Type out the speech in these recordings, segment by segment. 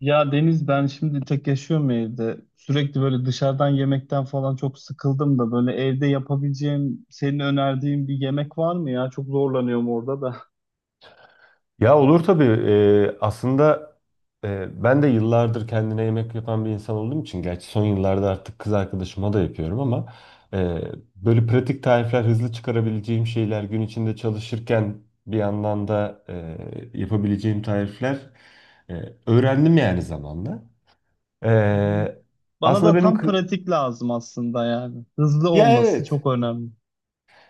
Ya Deniz, ben şimdi tek yaşıyorum evde. Sürekli böyle dışarıdan yemekten falan çok sıkıldım da böyle evde yapabileceğim, senin önerdiğin bir yemek var mı ya? Çok zorlanıyorum orada da. Ya olur tabii. Aslında ben de yıllardır kendine yemek yapan bir insan olduğum için, gerçi son yıllarda artık kız arkadaşıma da yapıyorum ama e, böyle pratik tarifler, hızlı çıkarabileceğim şeyler, gün içinde çalışırken bir yandan da yapabileceğim tarifler e, öğrendim yani zamanla. Hı hı. E, Bana aslında da benim tam kı- pratik lazım aslında yani. Hızlı ya olması çok evet önemli.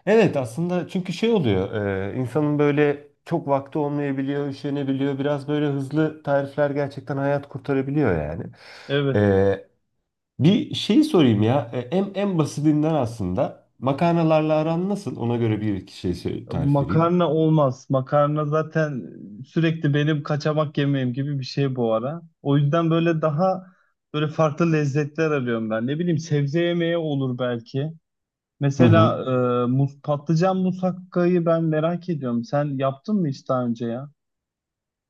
Evet aslında, çünkü şey oluyor, insanın böyle çok vakti olmayabiliyor, üşenebiliyor. Biraz böyle hızlı tarifler gerçekten hayat kurtarabiliyor yani. Evet. E, bir şeyi sorayım ya. En basitinden, aslında makarnalarla aran nasıl? Ona göre bir iki tarif vereyim. Makarna olmaz. Makarna zaten sürekli benim kaçamak yemeğim gibi bir şey bu ara. O yüzden böyle daha böyle farklı lezzetler arıyorum ben. Ne bileyim, sebze yemeği olur belki. Hı hı. Mesela mus patlıcan musakkayı ben merak ediyorum. Sen yaptın mı hiç daha önce ya?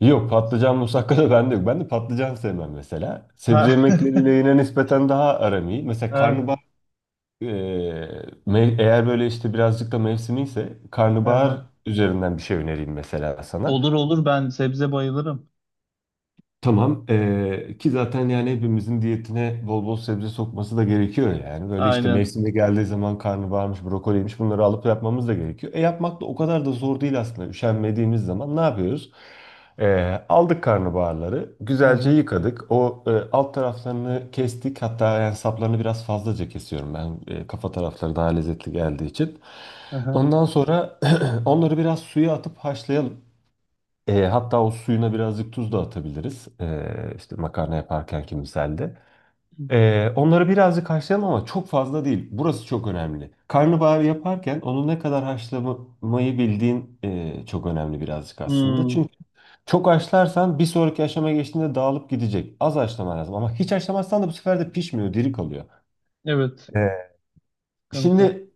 Yok, patlıcan musakka da bende yok. Ben de patlıcan sevmem mesela. Sebze Ha. yemekleriyle yine nispeten daha aram iyi. Mesela Aynen. karnabahar. Ee, eğer böyle işte birazcık da mevsimi ise, karnabahar Aha. üzerinden bir şey önereyim mesela sana. Olur olur, ben sebze bayılırım. Tamam. Ki zaten yani hepimizin diyetine bol bol sebze sokması da gerekiyor yani. Böyle işte Aynen. mevsimde geldiği zaman karnabaharmış, brokoliymiş, bunları alıp yapmamız da gerekiyor. E yapmak da o kadar da zor değil aslında. Üşenmediğimiz zaman ne yapıyoruz? Aldık karnabaharları, güzelce Aha. yıkadık. Alt taraflarını kestik. Hatta yani saplarını biraz fazlaca kesiyorum ben. Kafa tarafları daha lezzetli geldiği için. Aha. Ondan sonra onları biraz suya atıp haşlayalım. Hatta o suyuna birazcık tuz da atabiliriz. İşte makarna yaparken ki misalde. Onları birazcık haşlayalım, ama çok fazla değil. Burası çok önemli. Karnabahar yaparken onu ne kadar haşlamayı bildiğin çok önemli birazcık aslında. Hmm. Çünkü çok haşlarsan bir sonraki aşamaya geçtiğinde dağılıp gidecek. Az haşlaman lazım, ama hiç haşlamazsan da bu sefer de pişmiyor, diri kalıyor. Evet. E, Sıkıntı. Şimdi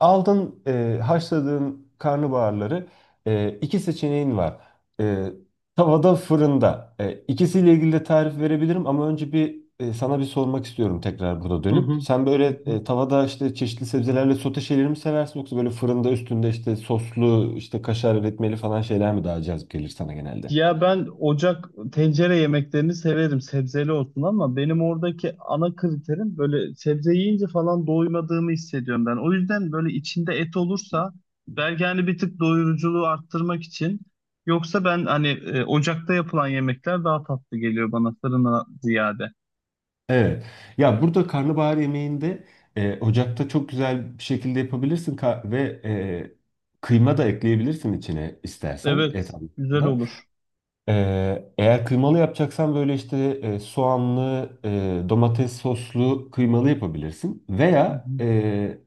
Aldın haşladığın karnabaharları, iki seçeneğin var. E, Tavada, fırında. İkisiyle ilgili de tarif verebilirim, ama önce bir sana bir sormak istiyorum tekrar burada Hı hı. dönüp. Sen böyle Hı hı. Tavada işte çeşitli sebzelerle sote şeyleri mi seversin, yoksa böyle fırında üstünde işte soslu işte kaşar etmeli falan şeyler mi daha cazip gelir sana genelde? Ya ben ocak tencere yemeklerini severim, sebzeli olsun, ama benim oradaki ana kriterim böyle, sebze yiyince falan doymadığımı hissediyorum ben. O yüzden böyle içinde et olursa belki hani bir tık doyuruculuğu arttırmak için, yoksa ben hani ocakta yapılan yemekler daha tatlı geliyor bana fırına ziyade. Evet. Ya burada karnabahar yemeğinde ocakta çok güzel bir şekilde yapabilirsin, ve kıyma da ekleyebilirsin içine istersen, Evet, et güzel anlamında. olur. E, eğer kıymalı yapacaksan, böyle işte soğanlı, domates soslu kıymalı yapabilirsin. Hı Veya hı, e,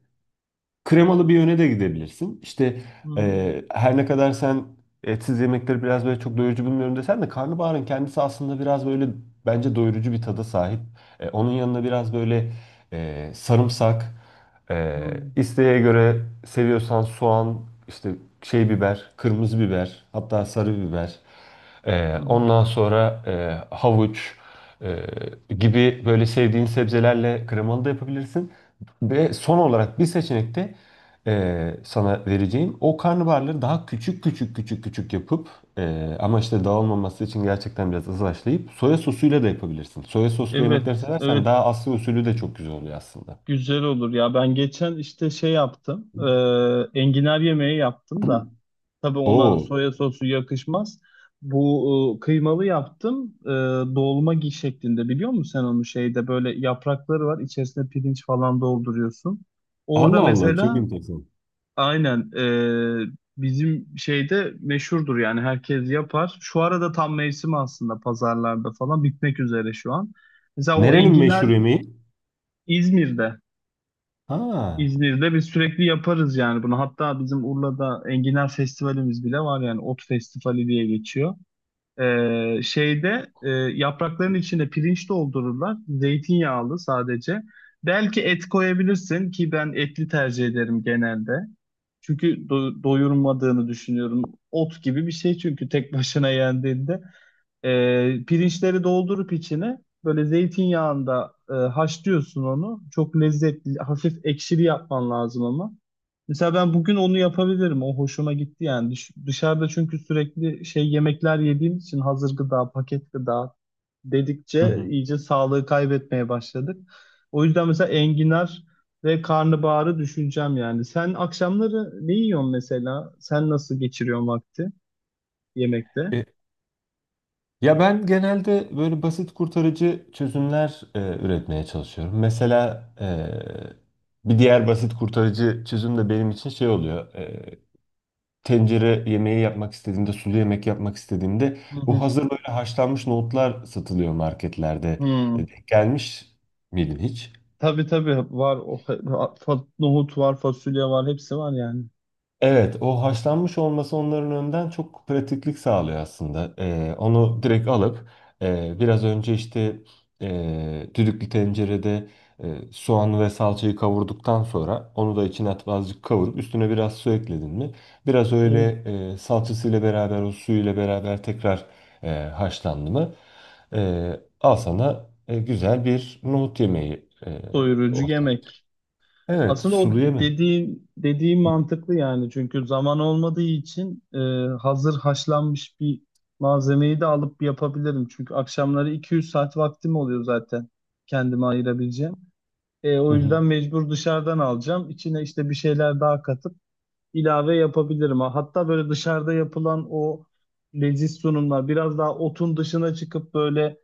kremalı bir yöne de gidebilirsin. İşte hı her ne kadar sen etsiz yemekleri biraz böyle çok doyurucu bulmuyorum desen de, karnabaharın kendisi aslında biraz böyle bence doyurucu bir tada sahip. Onun yanına biraz böyle sarımsak, e, hı, isteğe göre seviyorsan soğan, işte şey biber, kırmızı biber, hatta sarı biber. hı hı. Ondan sonra havuç e, gibi böyle sevdiğin sebzelerle kremalı da yapabilirsin. Ve son olarak bir seçenekte sana vereceğim. O karnabaharları daha küçük küçük küçük küçük yapıp, ama işte dağılmaması için gerçekten biraz azlaşlayıp soya sosuyla da yapabilirsin. Soya soslu yemekler Evet, seversen, evet, daha Asya usulü de çok güzel oluyor aslında. güzel olur ya. Ben geçen işte şey yaptım. Enginar yemeği yaptım da. Tabii ona Oo, soya sosu yakışmaz. Bu kıymalı yaptım. E, dolma gi şeklinde biliyor musun sen onu, şeyde böyle yaprakları var. İçerisine pirinç falan dolduruyorsun. Orada Allah Allah, çok mesela enteresan. aynen, e, bizim şeyde meşhurdur yani, herkes yapar. Şu arada tam mevsimi, aslında pazarlarda falan bitmek üzere şu an. Mesela o Nerenin meşhur enginar yemeği? İzmir'de. Ha. İzmir'de biz sürekli yaparız yani bunu. Hatta bizim Urla'da enginar festivalimiz bile var, yani ot festivali diye geçiyor. Şeyde yaprakların içine pirinç doldururlar. Zeytinyağlı sadece. Belki et koyabilirsin, ki ben etli tercih ederim genelde. Çünkü doyurmadığını düşünüyorum. Ot gibi bir şey çünkü tek başına yendiğinde. Pirinçleri doldurup içine böyle zeytinyağında haşlıyorsun onu. Çok lezzetli, hafif ekşili yapman lazım ama. Mesela ben bugün onu yapabilirim. O hoşuma gitti yani. Dışarıda çünkü sürekli şey yemekler yediğim için, hazır gıda, paket gıda Hı dedikçe hı. iyice sağlığı kaybetmeye başladık. O yüzden mesela enginar ve karnabaharı düşüneceğim yani. Sen akşamları ne yiyorsun mesela? Sen nasıl geçiriyorsun vakti yemekte? E, Ya ben genelde böyle basit kurtarıcı çözümler üretmeye çalışıyorum. Mesela bir diğer basit kurtarıcı çözüm de benim için şey oluyor. Tencere yemeği yapmak istediğimde, sulu yemek yapmak istediğimde, Hı bu hı. hazır böyle haşlanmış nohutlar satılıyor marketlerde. Hı. Denk gelmiş miydin hiç? Tabii tabii, var. O, nohut var, fasulye var, hepsi var yani. Evet, o haşlanmış olması onların önden çok pratiklik sağlıyor aslında. Onu direkt alıp, biraz önce işte düdüklü tencerede soğan ve salçayı kavurduktan sonra onu da içine atıp azıcık kavurup üstüne biraz su ekledin mi? Biraz öyle Evet. Salçasıyla beraber o suyuyla beraber tekrar haşlandı mı? Al sana güzel bir nohut yemeği Doyurucu ortaya. yemek. Evet, Aslında o sulu yemek. dediğin mantıklı yani, çünkü zaman olmadığı için hazır haşlanmış bir malzemeyi de alıp yapabilirim. Çünkü akşamları 200 saat vaktim oluyor zaten kendime ayırabileceğim. E, Hı o hı. yüzden mecbur dışarıdan alacağım. İçine işte bir şeyler daha katıp ilave yapabilirim. Ha, hatta böyle dışarıda yapılan o leziz sunumlar, biraz daha otun dışına çıkıp böyle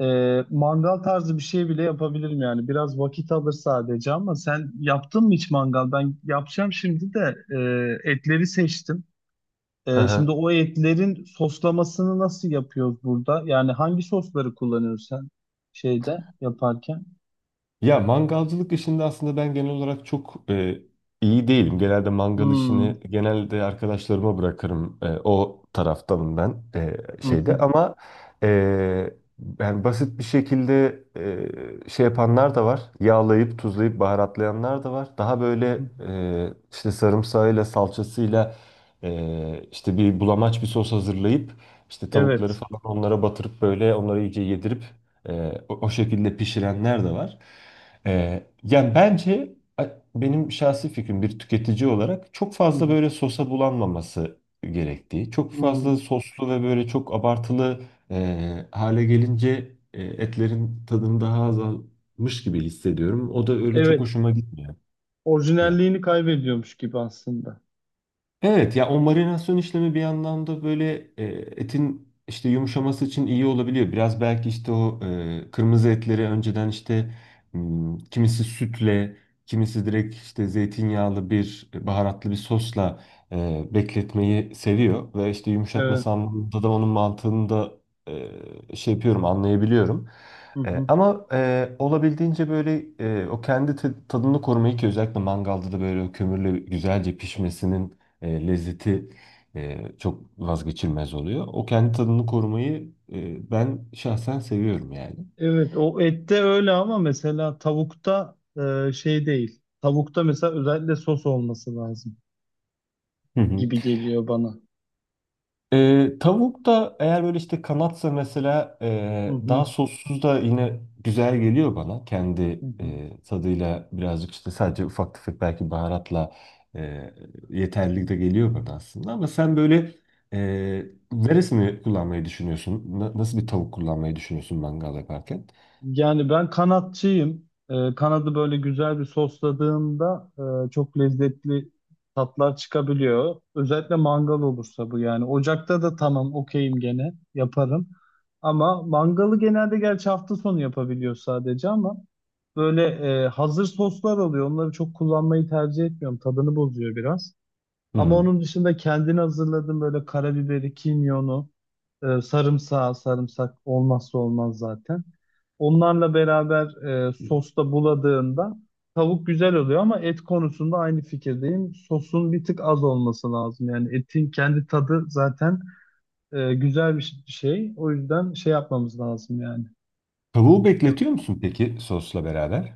mangal tarzı bir şey bile yapabilirim yani. Biraz vakit alır sadece, ama sen yaptın mı hiç mangal? Ben yapacağım şimdi de etleri seçtim. Hı E, şimdi hı. o etlerin soslamasını nasıl yapıyoruz burada? Yani hangi sosları kullanıyorsun sen şeyde yaparken? Ya mangalcılık işinde aslında ben genel olarak çok iyi değilim. Genelde mangal Hmm, işini genelde arkadaşlarıma bırakırım. O taraftanım ben, hı şeyde hı. ama e, yani basit bir şekilde şey yapanlar da var. Yağlayıp tuzlayıp baharatlayanlar da var. Daha Hı. böyle işte sarımsağıyla salçasıyla işte bir bulamaç bir sos hazırlayıp, işte tavukları Evet. falan onlara batırıp böyle onları iyice yedirip o şekilde pişirenler de var. Ee, yani bence a- Benim şahsi fikrim, bir tüketici olarak çok Hı fazla hı. böyle sosa bulanmaması gerektiği, çok fazla Hmm. soslu ve böyle çok abartılı hale gelince etlerin tadını daha azalmış gibi hissediyorum. O da öyle çok Evet. hoşuma gitmiyor. Orijinalliğini kaybediyormuş gibi aslında. Evet ya, o marinasyon işlemi bir yandan da böyle etin işte yumuşaması için iyi olabiliyor. Biraz belki işte o kırmızı etleri önceden işte kimisi sütle, kimisi direkt işte zeytinyağlı bir baharatlı bir sosla bekletmeyi seviyor. Ve işte Evet. yumuşatması anlamında da onun mantığını da şey yapıyorum, anlayabiliyorum. Hı E, hı. ama e, olabildiğince böyle o tadını korumayı, ki özellikle mangalda da böyle o kömürle güzelce pişmesinin lezzeti çok vazgeçilmez oluyor. O kendi tadını korumayı ben şahsen seviyorum yani. Evet, o ette öyle, ama mesela tavukta şey değil. Tavukta mesela özellikle sos olması lazım Hı hı. gibi geliyor bana. Tavuk da eğer böyle işte kanatsa mesela, Hı daha hı, sossuz da yine güzel geliyor bana. Kendi hı hı. Tadıyla birazcık, işte sadece ufak tefek belki baharatla e, yeterli de geliyor bana aslında. Ama sen böyle e, neresini kullanmayı düşünüyorsun? Nasıl bir tavuk kullanmayı düşünüyorsun mangal yaparken? Yani ben kanatçıyım. E, kanadı böyle güzel bir sosladığımda çok lezzetli tatlar çıkabiliyor. Özellikle mangal olursa bu yani. Ocakta da tamam, okeyim, gene yaparım. Ama mangalı genelde, gerçi hafta sonu yapabiliyor sadece, ama böyle hazır soslar oluyor. Onları çok kullanmayı tercih etmiyorum. Tadını bozuyor biraz. Hı Ama hı. onun dışında kendini hazırladım böyle, karabiberi, kimyonu, sarımsağı, sarımsak olmazsa olmaz zaten. Onlarla beraber sosta buladığında tavuk güzel oluyor, ama et konusunda aynı fikirdeyim. Sosun bir tık az olması lazım. Yani etin kendi tadı zaten güzel bir şey. O yüzden şey yapmamız lazım yani. Tavuğu bekletiyor E, musun peki sosla beraber?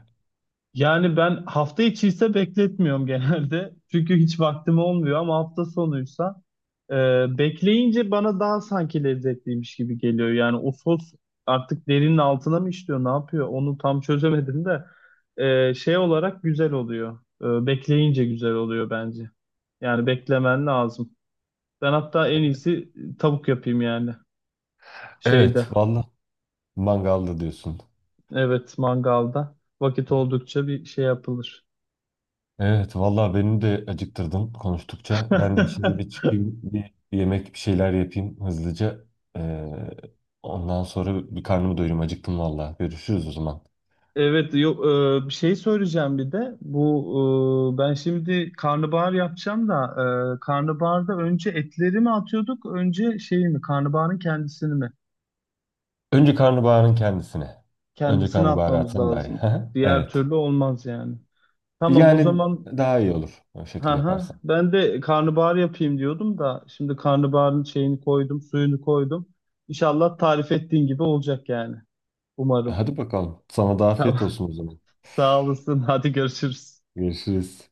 Yani ben hafta içi ise bekletmiyorum genelde. Çünkü hiç vaktim olmuyor, ama hafta sonuysa e, bekleyince bana daha sanki lezzetliymiş gibi geliyor. Yani o sos artık derinin altına mı işliyor, ne yapıyor? Onu tam çözemedim de şey olarak güzel oluyor. E, bekleyince güzel oluyor bence. Yani beklemen lazım. Ben hatta en iyisi tavuk yapayım yani Evet, şeyde. vallahi mangalda diyorsun. Evet, mangalda. Vakit oldukça bir şey yapılır. Evet, vallahi beni de acıktırdın konuştukça. Ben de şimdi bir çıkayım, bir yemek bir şeyler yapayım hızlıca. Ee, ondan sonra bir karnımı doyurayım. Acıktım vallahi. Görüşürüz o zaman. Evet, yok, bir şey söyleyeceğim bir de. Bu ben şimdi karnabahar yapacağım da karnabaharda önce etleri mi atıyorduk, önce şeyi mi? Karnabaharın kendisini mi? Önce karnabaharın kendisine. Önce Kendisini karnabaharı atmamız atsan daha iyi. lazım. Diğer Evet. türlü olmaz yani. Tamam o Yani zaman, daha iyi olur o şekilde ha ha, yaparsan. ben de karnabahar yapayım diyordum da şimdi karnabaharın şeyini koydum, suyunu koydum. İnşallah tarif ettiğin gibi olacak yani. Umarım. Hadi bakalım. Sana da Tamam. afiyet olsun o zaman. Sağ olasın. Hadi, görüşürüz. Görüşürüz.